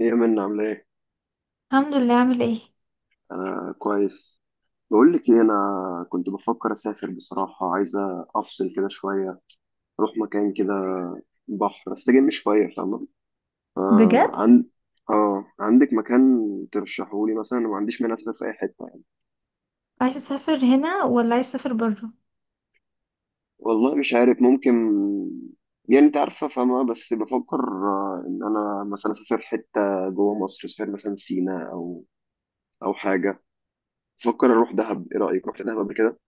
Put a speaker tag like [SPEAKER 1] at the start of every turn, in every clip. [SPEAKER 1] ايه منا عامله ايه؟
[SPEAKER 2] الحمد لله. عامل ايه؟
[SPEAKER 1] انا كويس. بقول لك ايه، انا كنت بفكر اسافر، بصراحه عايزه افصل كده شويه، اروح مكان كده، بحر، استجم شويه، فاهمه؟ آه
[SPEAKER 2] بجد؟
[SPEAKER 1] عن اه عندك مكان ترشحولي مثلا؟ أنا ما عنديش مانع اسافر في اي حته يعني.
[SPEAKER 2] عايزه تسافر هنا ولا عايز تسافر بره؟
[SPEAKER 1] والله مش عارف، ممكن، يعني انت عارفه فاهمه، بس بفكر ان انا مثلا اسافر حته جوه مصر، اسافر مثلا سينا او حاجه. بفكر اروح دهب، ايه رايك، رحت دهب قبل كده؟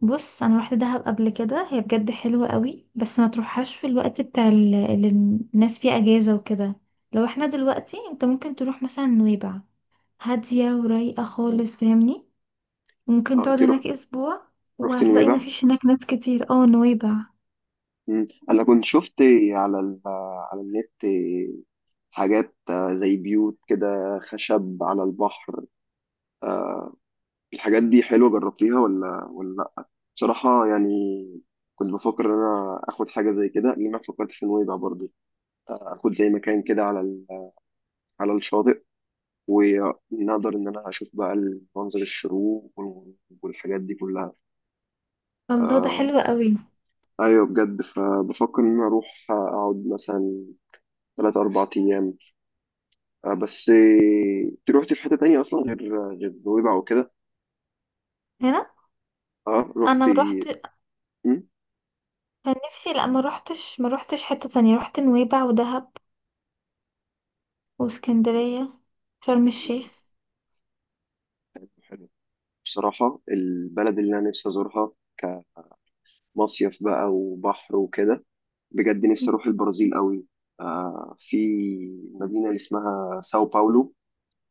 [SPEAKER 2] بص، انا روحت دهب قبل كده، هي بجد حلوه قوي، بس ما تروحهاش في الوقت اللي الناس فيه اجازه وكده. لو احنا دلوقتي، انت ممكن تروح مثلا نويبع، هاديه ورايقه خالص، فاهمني؟ ممكن
[SPEAKER 1] اه،
[SPEAKER 2] تقعد
[SPEAKER 1] انت رحت؟
[SPEAKER 2] هناك اسبوع،
[SPEAKER 1] رحت
[SPEAKER 2] وهتلاقي ما
[SPEAKER 1] نويبع؟
[SPEAKER 2] فيش هناك ناس كتير. اه، نويبع.
[SPEAKER 1] مم. انا كنت شفت على النت حاجات زي بيوت كده، خشب على البحر. الحاجات دي حلوة، جربتيها ولا لا؟ بصراحة يعني، كنت بفكر ان انا اخد حاجة زي كده، لان انا فكرت في نويبع برضه، اخد زي مكان كده على الشاطئ، ونقدر ان انا اشوف بقى منظر الشروق والحاجات دي كلها.
[SPEAKER 2] الله، ده
[SPEAKER 1] آه
[SPEAKER 2] حلو قوي.
[SPEAKER 1] ايوه، بجد. فبفكر ان انا اروح اقعد مثلا ثلاث اربع ايام. بس انت روحتي في حتة تانية أصلا غير نويبع وكده؟
[SPEAKER 2] هنا.
[SPEAKER 1] اه،
[SPEAKER 2] انا
[SPEAKER 1] روحتي.
[SPEAKER 2] روحت.
[SPEAKER 1] مم؟
[SPEAKER 2] كان نفسي، لا ما روحتش، ما روحتش حته تانية، روحت نويبع ودهب واسكندريه، شرم
[SPEAKER 1] مم.
[SPEAKER 2] الشيخ.
[SPEAKER 1] حلو. بصراحة البلد اللي أنا نفسي أزورها كمصيف بقى، وبحر وكده، بجد نفسي أروح البرازيل قوي. في مدينة اللي اسمها ساو باولو،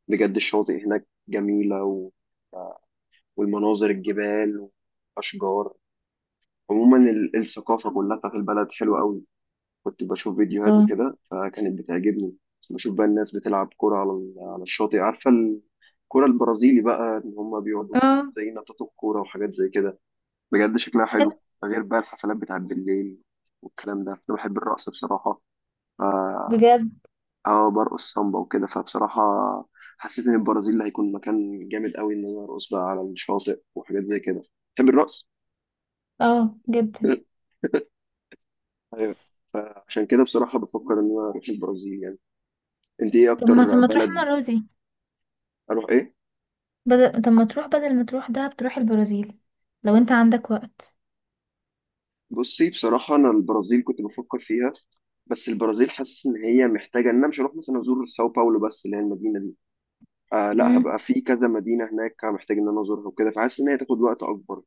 [SPEAKER 1] بجد الشواطئ هناك جميلة، والمناظر، الجبال، وأشجار. عموما الثقافة كلها بتاعت البلد حلوة قوي. كنت بشوف فيديوهات
[SPEAKER 2] الله.
[SPEAKER 1] وكده فكانت بتعجبني. بشوف بقى الناس بتلعب كرة على على الشاطئ، عارفة، الكرة البرازيلي بقى، إن هما بيقعدوا
[SPEAKER 2] اه،
[SPEAKER 1] زي نطاط الكورة وحاجات زي كده. بجد شكلها
[SPEAKER 2] حلو.
[SPEAKER 1] حلو. غير بقى الحفلات بتاعت بالليل والكلام ده، أنا بحب الرقص بصراحة. ف-
[SPEAKER 2] بجد.
[SPEAKER 1] اه برقص سامبا وكده، فبصراحة حسيت إن البرازيل هيكون مكان جامد قوي، إن أنا أرقص بقى على الشاطئ وحاجات زي كده. بحب الرقص.
[SPEAKER 2] اه جدا.
[SPEAKER 1] ايوه. فعشان كده بصراحة بفكر إن أنا أروح البرازيل يعني. أنت إيه
[SPEAKER 2] طب ما طب
[SPEAKER 1] أكتر
[SPEAKER 2] ما تروح
[SPEAKER 1] بلد؟
[SPEAKER 2] المرة دي،
[SPEAKER 1] اروح ايه؟
[SPEAKER 2] بدل، طب ما تروح بدل ما تروح دهب، تروح البرازيل. لو انت عندك وقت.
[SPEAKER 1] بصي بصراحه، انا البرازيل كنت بفكر فيها، بس البرازيل حاسس ان هي محتاجه، ان انا مش هروح مثلا ازور ساو باولو بس، اللي هي المدينه دي. لا، هبقى
[SPEAKER 2] امم.
[SPEAKER 1] في كذا مدينه هناك محتاج ان انا ازورها وكده، فحاسس ان هي تاخد وقت اكبر.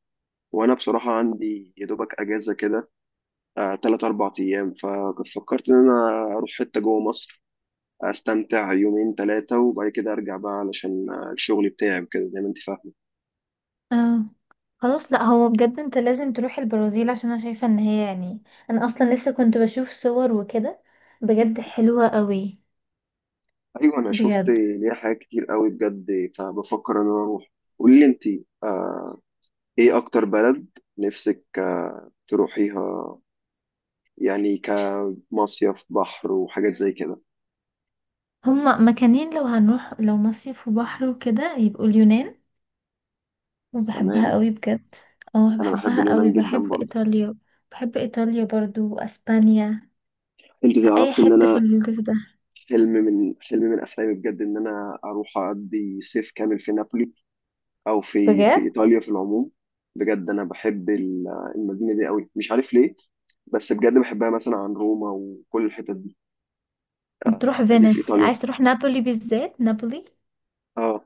[SPEAKER 1] وانا بصراحه عندي يا دوبك اجازه كده، تلات اربع ايام. فكنت فكرت ان انا اروح حته جوه مصر، استمتع يومين ثلاثه وبعد كده ارجع بقى، علشان الشغل بتاعي وكده زي ما انت فاهمه.
[SPEAKER 2] اه، خلاص. لا هو بجد انت لازم تروح البرازيل، عشان انا شايفة ان هي يعني، انا اصلا لسه كنت بشوف صور وكده، بجد حلوة قوي.
[SPEAKER 1] ايوه، انا شفت
[SPEAKER 2] بجد.
[SPEAKER 1] ليها حاجات كتير قوي بجد، فبفكر ان انا اروح. قولي لي انت، آه، ايه اكتر بلد نفسك تروحيها، يعني كمصيف، بحر وحاجات زي كده؟
[SPEAKER 2] هما مكانين، لو هنروح لو مصيف وبحر وكده، يبقوا اليونان، وبحبها
[SPEAKER 1] تمام.
[SPEAKER 2] قوي بجد. اه
[SPEAKER 1] انا بحب
[SPEAKER 2] بحبها قوي،
[SPEAKER 1] اليونان جدا
[SPEAKER 2] بحب
[SPEAKER 1] برضه.
[SPEAKER 2] ايطاليا. بحب ايطاليا برضو، واسبانيا.
[SPEAKER 1] انت
[SPEAKER 2] اي
[SPEAKER 1] تعرفي ان
[SPEAKER 2] حته في
[SPEAKER 1] انا،
[SPEAKER 2] الجزء ده.
[SPEAKER 1] حلم من احلامي بجد، ان انا اروح اقضي صيف كامل في نابولي، او في
[SPEAKER 2] بجد.
[SPEAKER 1] ايطاليا في العموم. بجد انا بحب المدينه دي قوي، مش عارف ليه، بس بجد بحبها مثلا عن روما وكل الحتت دي. آه،
[SPEAKER 2] تروح
[SPEAKER 1] اللي في
[SPEAKER 2] فينيس؟
[SPEAKER 1] ايطاليا.
[SPEAKER 2] عايز تروح نابولي؟ بالذات نابولي؟
[SPEAKER 1] اه،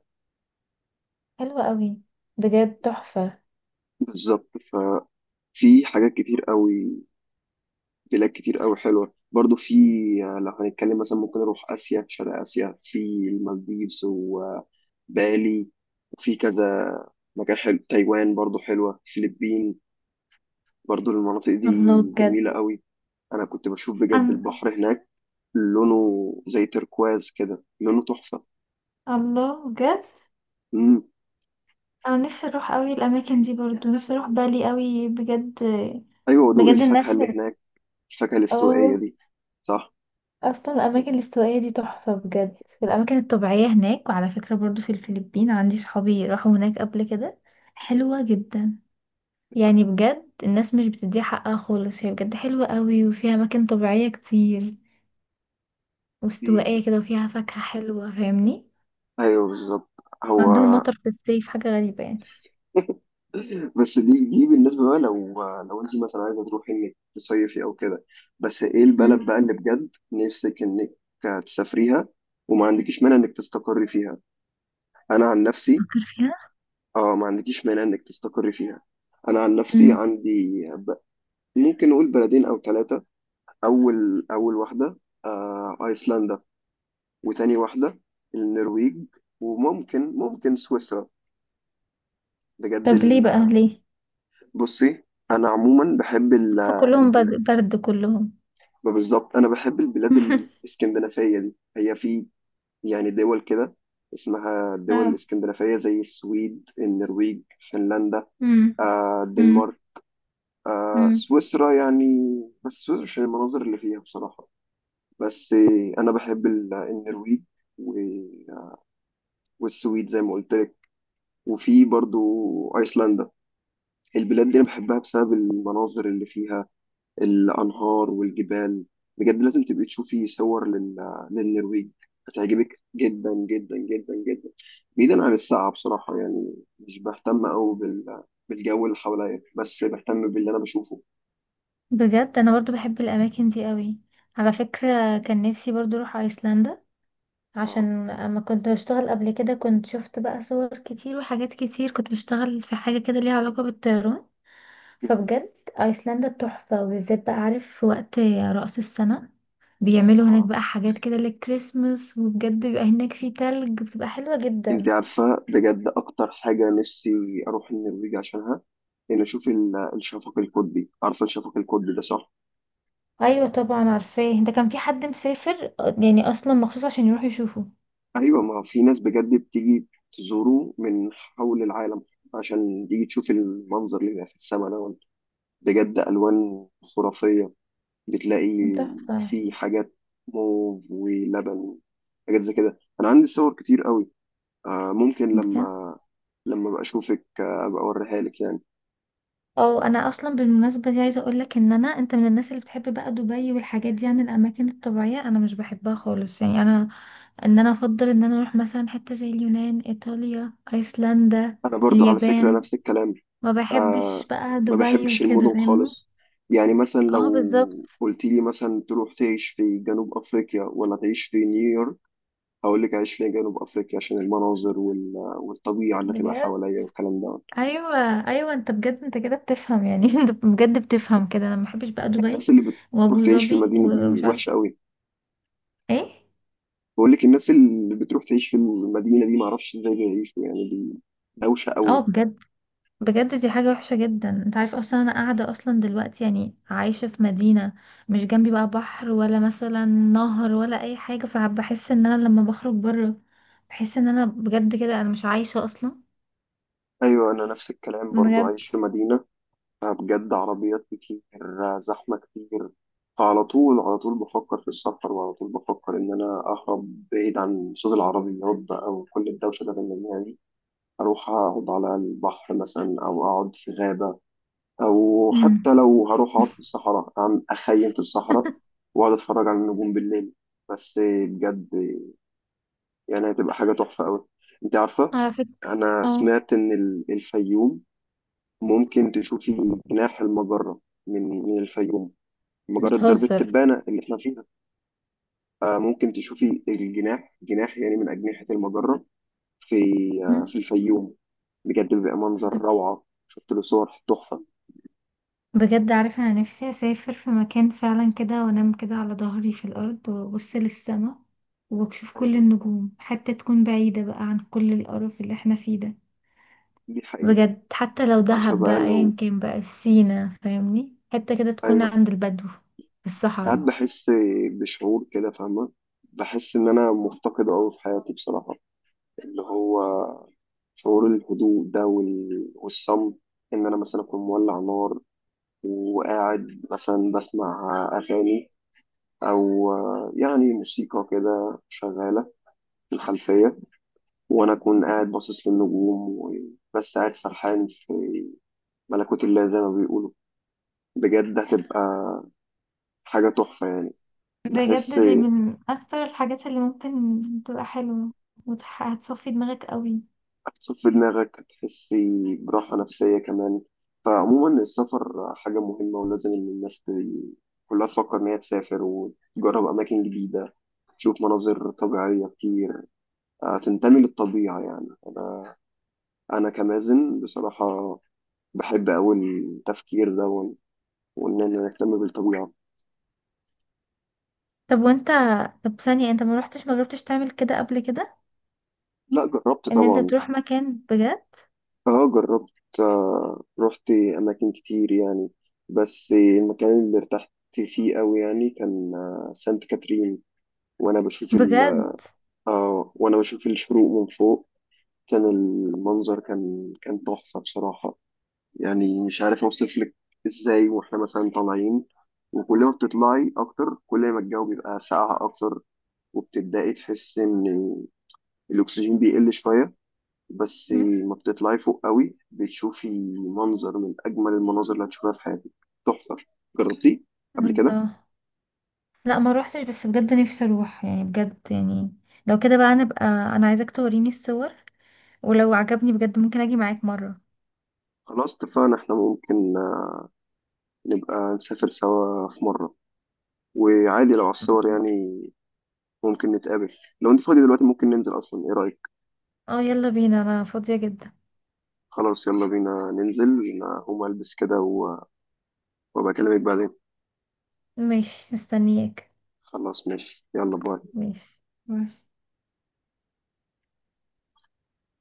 [SPEAKER 2] حلوة قوي، بجد تحفة.
[SPEAKER 1] بالظبط. ففي حاجات كتير قوي، بلاد كتير قوي حلوة برضو. في لو هنتكلم مثلا، ممكن نروح آسيا، شرق آسيا. في المالديفز وبالي، وفي كذا مكان حلو، تايوان برضو حلوة، فلبين برضو. المناطق دي
[SPEAKER 2] الله.
[SPEAKER 1] جميلة قوي. أنا كنت بشوف بجد
[SPEAKER 2] أنا
[SPEAKER 1] البحر هناك، لونه زي تركواز كده، لونه تحفة.
[SPEAKER 2] بجد،
[SPEAKER 1] مم.
[SPEAKER 2] أنا نفسي أروح أوي الأماكن دي، برضو نفسي أروح بالي أوي بجد.
[SPEAKER 1] أيوة، ودوق
[SPEAKER 2] بجد
[SPEAKER 1] الفاكهة
[SPEAKER 2] الناس.
[SPEAKER 1] اللي هناك، الفاكهة الاستوائية
[SPEAKER 2] اه.
[SPEAKER 1] دي. صح.
[SPEAKER 2] اصلا الاماكن الاستوائية دي تحفة بجد. الاماكن الطبيعية هناك، وعلى فكرة برضو في الفلبين عندي صحابي راحوا هناك قبل كده، حلوة جدا. يعني بجد الناس مش بتديها حقها خالص، هي بجد حلوة قوي، وفيها أماكن طبيعية كتير
[SPEAKER 1] دي
[SPEAKER 2] واستوائية كده، وفيها فاكهة حلوة، فاهمني؟
[SPEAKER 1] أيوة بالظبط. هو،
[SPEAKER 2] عندهم مطر في الصيف، حاجة غريبة يعني.
[SPEAKER 1] بس دي بالنسبة بقى، لو انت مثلا عايزة تروحي انك تصيفي او كده، بس ايه البلد
[SPEAKER 2] امم.
[SPEAKER 1] بقى اللي بجد نفسك انك تسافريها وما عندكيش مانع انك تستقري فيها؟ انا عن نفسي،
[SPEAKER 2] تفكر فيها.
[SPEAKER 1] اه، ما عندكيش مانع انك تستقري فيها، انا عن نفسي
[SPEAKER 2] امم.
[SPEAKER 1] عندي ممكن نقول بلدين او ثلاثة. اول واحدة ايسلندا، وتاني واحدة النرويج، وممكن سويسرا. بجد
[SPEAKER 2] طب ليه بقى؟ ليه؟
[SPEAKER 1] بصي، انا عموما بحب
[SPEAKER 2] بس كلهم
[SPEAKER 1] البلاد.
[SPEAKER 2] برد، برد كلهم.
[SPEAKER 1] ما بالظبط انا بحب البلاد الاسكندنافيه دي. هي في، يعني دول كده اسمها الدول
[SPEAKER 2] اه.
[SPEAKER 1] الاسكندنافيه زي السويد، النرويج، فنلندا،
[SPEAKER 2] امم. امم.
[SPEAKER 1] الدنمارك،
[SPEAKER 2] امم.
[SPEAKER 1] سويسرا يعني. بس سويسرا عشان المناظر اللي فيها بصراحه. بس انا بحب النرويج و- والسويد زي ما قلت لك. وفي برضو ايسلندا. البلاد دي انا بحبها بسبب المناظر اللي فيها، الأنهار والجبال. بجد لازم تبقي تشوفي صور للنرويج، هتعجبك جدا جدا جدا جدا. بعيدا عن الساعة بصراحة، يعني مش بهتم أوي بالجو اللي حواليا، بس بهتم باللي أنا بشوفه.
[SPEAKER 2] بجد انا برضو بحب الاماكن دي قوي. على فكرة كان نفسي برضو اروح ايسلندا،
[SPEAKER 1] آه.
[SPEAKER 2] عشان اما كنت بشتغل قبل كده كنت شفت بقى صور كتير وحاجات كتير، كنت بشتغل في حاجة كده ليها علاقة بالطيران.
[SPEAKER 1] آه.
[SPEAKER 2] فبجد ايسلندا تحفة، وبالذات بقى عارف في وقت رأس السنة بيعملوا هناك
[SPEAKER 1] آه.
[SPEAKER 2] بقى حاجات كده للكريسماس، وبجد بيبقى هناك في تلج، بتبقى حلوة
[SPEAKER 1] أنت
[SPEAKER 2] جدا.
[SPEAKER 1] عارفة بجد أكتر حاجة نفسي أروح النرويج عشانها، إن أشوف الشفق القطبي، عارفة الشفق القطبي ده صح؟
[SPEAKER 2] ايوه طبعا عارفاه، ده كان في حد مسافر يعني اصلا مخصوص عشان يروح يشوفه.
[SPEAKER 1] ايوه، ما في ناس بجد بتيجي تزوره من حول العالم، عشان تيجي تشوف المنظر اللي بيبقى في السماء ده. بجد الوان خرافيه، بتلاقي
[SPEAKER 2] تحفة.
[SPEAKER 1] في حاجات موف ولبن، حاجات زي كده. انا عندي صور كتير قوي، ممكن
[SPEAKER 2] بجد.
[SPEAKER 1] لما ابقى اشوفك ابقى اوريها لك يعني.
[SPEAKER 2] اه، انا اصلا بالمناسبه دي عايزه اقول لك ان انا، انت من الناس اللي بتحب بقى دبي والحاجات دي، عن الاماكن الطبيعيه انا مش بحبها خالص. يعني انا ان انا افضل ان انا اروح مثلا حته زي اليونان، ايطاليا، ايسلندا،
[SPEAKER 1] انا برضو على فكره
[SPEAKER 2] اليابان.
[SPEAKER 1] نفس الكلام،
[SPEAKER 2] ما بحبش
[SPEAKER 1] آه،
[SPEAKER 2] بقى
[SPEAKER 1] ما
[SPEAKER 2] دبي
[SPEAKER 1] بحبش
[SPEAKER 2] وكده،
[SPEAKER 1] المدن
[SPEAKER 2] فاهمني؟
[SPEAKER 1] خالص. يعني مثلا
[SPEAKER 2] اه
[SPEAKER 1] لو
[SPEAKER 2] بالظبط.
[SPEAKER 1] قلت لي مثلا تروح تعيش في جنوب افريقيا ولا تعيش في نيويورك، هقول لك عايش فيها جنوب افريقيا، عشان المناظر والطبيعه اللي تبقى
[SPEAKER 2] بجد.
[SPEAKER 1] حواليا والكلام ده.
[SPEAKER 2] ايوه. ايوه انت بجد، انت كده بتفهم يعني. انت بجد بتفهم كده، انا ما بحبش بقى دبي
[SPEAKER 1] الناس اللي بتروح
[SPEAKER 2] وابو
[SPEAKER 1] تعيش في
[SPEAKER 2] ظبي
[SPEAKER 1] المدينه دي
[SPEAKER 2] ومش عارف
[SPEAKER 1] وحشه قوي.
[SPEAKER 2] ايه.
[SPEAKER 1] بقول لك الناس اللي بتروح تعيش في المدينه دي، ما اعرفش ازاي بيعيشوا يعني، دي دوشه
[SPEAKER 2] اه
[SPEAKER 1] قوي.
[SPEAKER 2] بجد. بجد دي حاجة وحشة جدا. انت عارف اصلا انا قاعدة اصلا دلوقتي يعني عايشة في مدينة مش جنبي بقى بحر، ولا مثلا نهر، ولا اي حاجة. فبحس ان انا لما بخرج بره بحس ان انا بجد كده انا مش عايشة اصلا.
[SPEAKER 1] ايوه، انا نفس الكلام برضو،
[SPEAKER 2] بجد.
[SPEAKER 1] عايش في مدينه بجد، عربيات كتير، زحمه كتير. فعلى طول على طول بفكر في السفر، وعلى طول بفكر ان انا اهرب بعيد عن صوت العربيات بقى وكل الدوشه اللي بنلاقيها دي. اروح اقعد على البحر مثلا، او اقعد في غابه، او حتى
[SPEAKER 2] امم.
[SPEAKER 1] لو هروح اقعد في الصحراء أعمل اخيم في الصحراء، واقعد اتفرج على النجوم بالليل بس. بجد يعني هتبقى حاجه تحفه قوي. انت عارفه،
[SPEAKER 2] على فكرة.
[SPEAKER 1] انا
[SPEAKER 2] اه.
[SPEAKER 1] سمعت ان الفيوم ممكن تشوفي جناح المجره من الفيوم. مجره درب
[SPEAKER 2] بتهزر؟
[SPEAKER 1] التبانه اللي احنا فيها. ممكن تشوفي جناح يعني، من اجنحه المجره، في آه،
[SPEAKER 2] مم.
[SPEAKER 1] في الفيوم. بجد بيبقى منظر
[SPEAKER 2] ب-
[SPEAKER 1] روعه، شفت له صور تحفه.
[SPEAKER 2] بجد عارفة انا نفسي اسافر في مكان فعلا كده، وانام كده على ظهري في الارض، وابص للسما، واشوف كل
[SPEAKER 1] ايوه
[SPEAKER 2] النجوم، حتى تكون بعيدة بقى عن كل القرف اللي احنا فيه ده.
[SPEAKER 1] دي حقيقه.
[SPEAKER 2] بجد حتى لو
[SPEAKER 1] عارفه
[SPEAKER 2] دهب
[SPEAKER 1] بقى
[SPEAKER 2] بقى، ايا كان بقى سينا، فاهمني؟ حتة كده تكون
[SPEAKER 1] ايوه،
[SPEAKER 2] عند البدو في
[SPEAKER 1] ساعات
[SPEAKER 2] الصحراء.
[SPEAKER 1] بحس بشعور كده فاهمة. بحس إن أنا مفتقد أوي في حياتي بصراحة، اللي هو شعور الهدوء ده والصمت. إن أنا مثلا أكون مولع نار، وقاعد مثلا بسمع أغاني، أو يعني موسيقى كده شغالة في الخلفية، وأنا أكون قاعد باصص للنجوم، وبس قاعد سرحان في ملكوت الله زي ما بيقولوا. بجد هتبقى حاجة تحفة يعني. بحس
[SPEAKER 2] بجد دي من اكتر الحاجات اللي ممكن تبقى حلوة، هتصفي دماغك قوي.
[SPEAKER 1] هتصفي في دماغك، هتحسي براحة نفسية كمان. فعموما السفر حاجة مهمة، ولازم إن الناس كلها تفكر إن هي تسافر وتجرب أماكن جديدة، تشوف مناظر طبيعية كتير، تنتمي للطبيعة يعني. أنا كمازن بصراحة بحب أوي التفكير ده، إن أنا أهتم بالطبيعة.
[SPEAKER 2] طب وانت، طب انت ما رحتش، ما جربتش تعمل كده قبل كده؟
[SPEAKER 1] لا، جربت
[SPEAKER 2] ان انت
[SPEAKER 1] طبعا.
[SPEAKER 2] تروح مكان بجد.
[SPEAKER 1] اه جربت، رحت اماكن كتير يعني، بس المكان اللي ارتحت فيه قوي يعني كان سانت كاترين. وانا بشوف ال
[SPEAKER 2] بجد.
[SPEAKER 1] اه وانا بشوف الشروق من فوق، كان المنظر كان تحفة بصراحة، يعني مش عارف اوصف لك ازاي. واحنا مثلا طالعين، وكل ما بتطلعي اكتر كل ما الجو بيبقى ساقع اكتر، وبتبدأي تحسي ان الاكسجين بيقل شوية بس.
[SPEAKER 2] مم.
[SPEAKER 1] ما بتطلعي فوق قوي بتشوفي منظر من أجمل المناظر اللي هتشوفها في حياتك، تحفة. جربتيه قبل كده؟
[SPEAKER 2] الله. لا ما روحتش، بس بجد نفسي اروح يعني، بجد يعني لو كده بقى، انا بقى انا عايزاك توريني الصور، ولو عجبني بجد ممكن اجي معاك مرة.
[SPEAKER 1] خلاص اتفقنا، احنا ممكن نبقى نسافر سوا في مرة، وعادي لو على الصور
[SPEAKER 2] أكيد.
[SPEAKER 1] يعني. ممكن نتقابل لو انت فاضي دلوقتي، ممكن ننزل أصلا، ايه رأيك؟
[SPEAKER 2] اه يلا بينا، انا فاضية جدا.
[SPEAKER 1] خلاص يلا بينا ننزل. أنا هقوم ألبس كده وأبقى أكلمك بعدين.
[SPEAKER 2] ماشي، مستنياك.
[SPEAKER 1] خلاص ماشي، يلا باي.
[SPEAKER 2] ماشي. باي.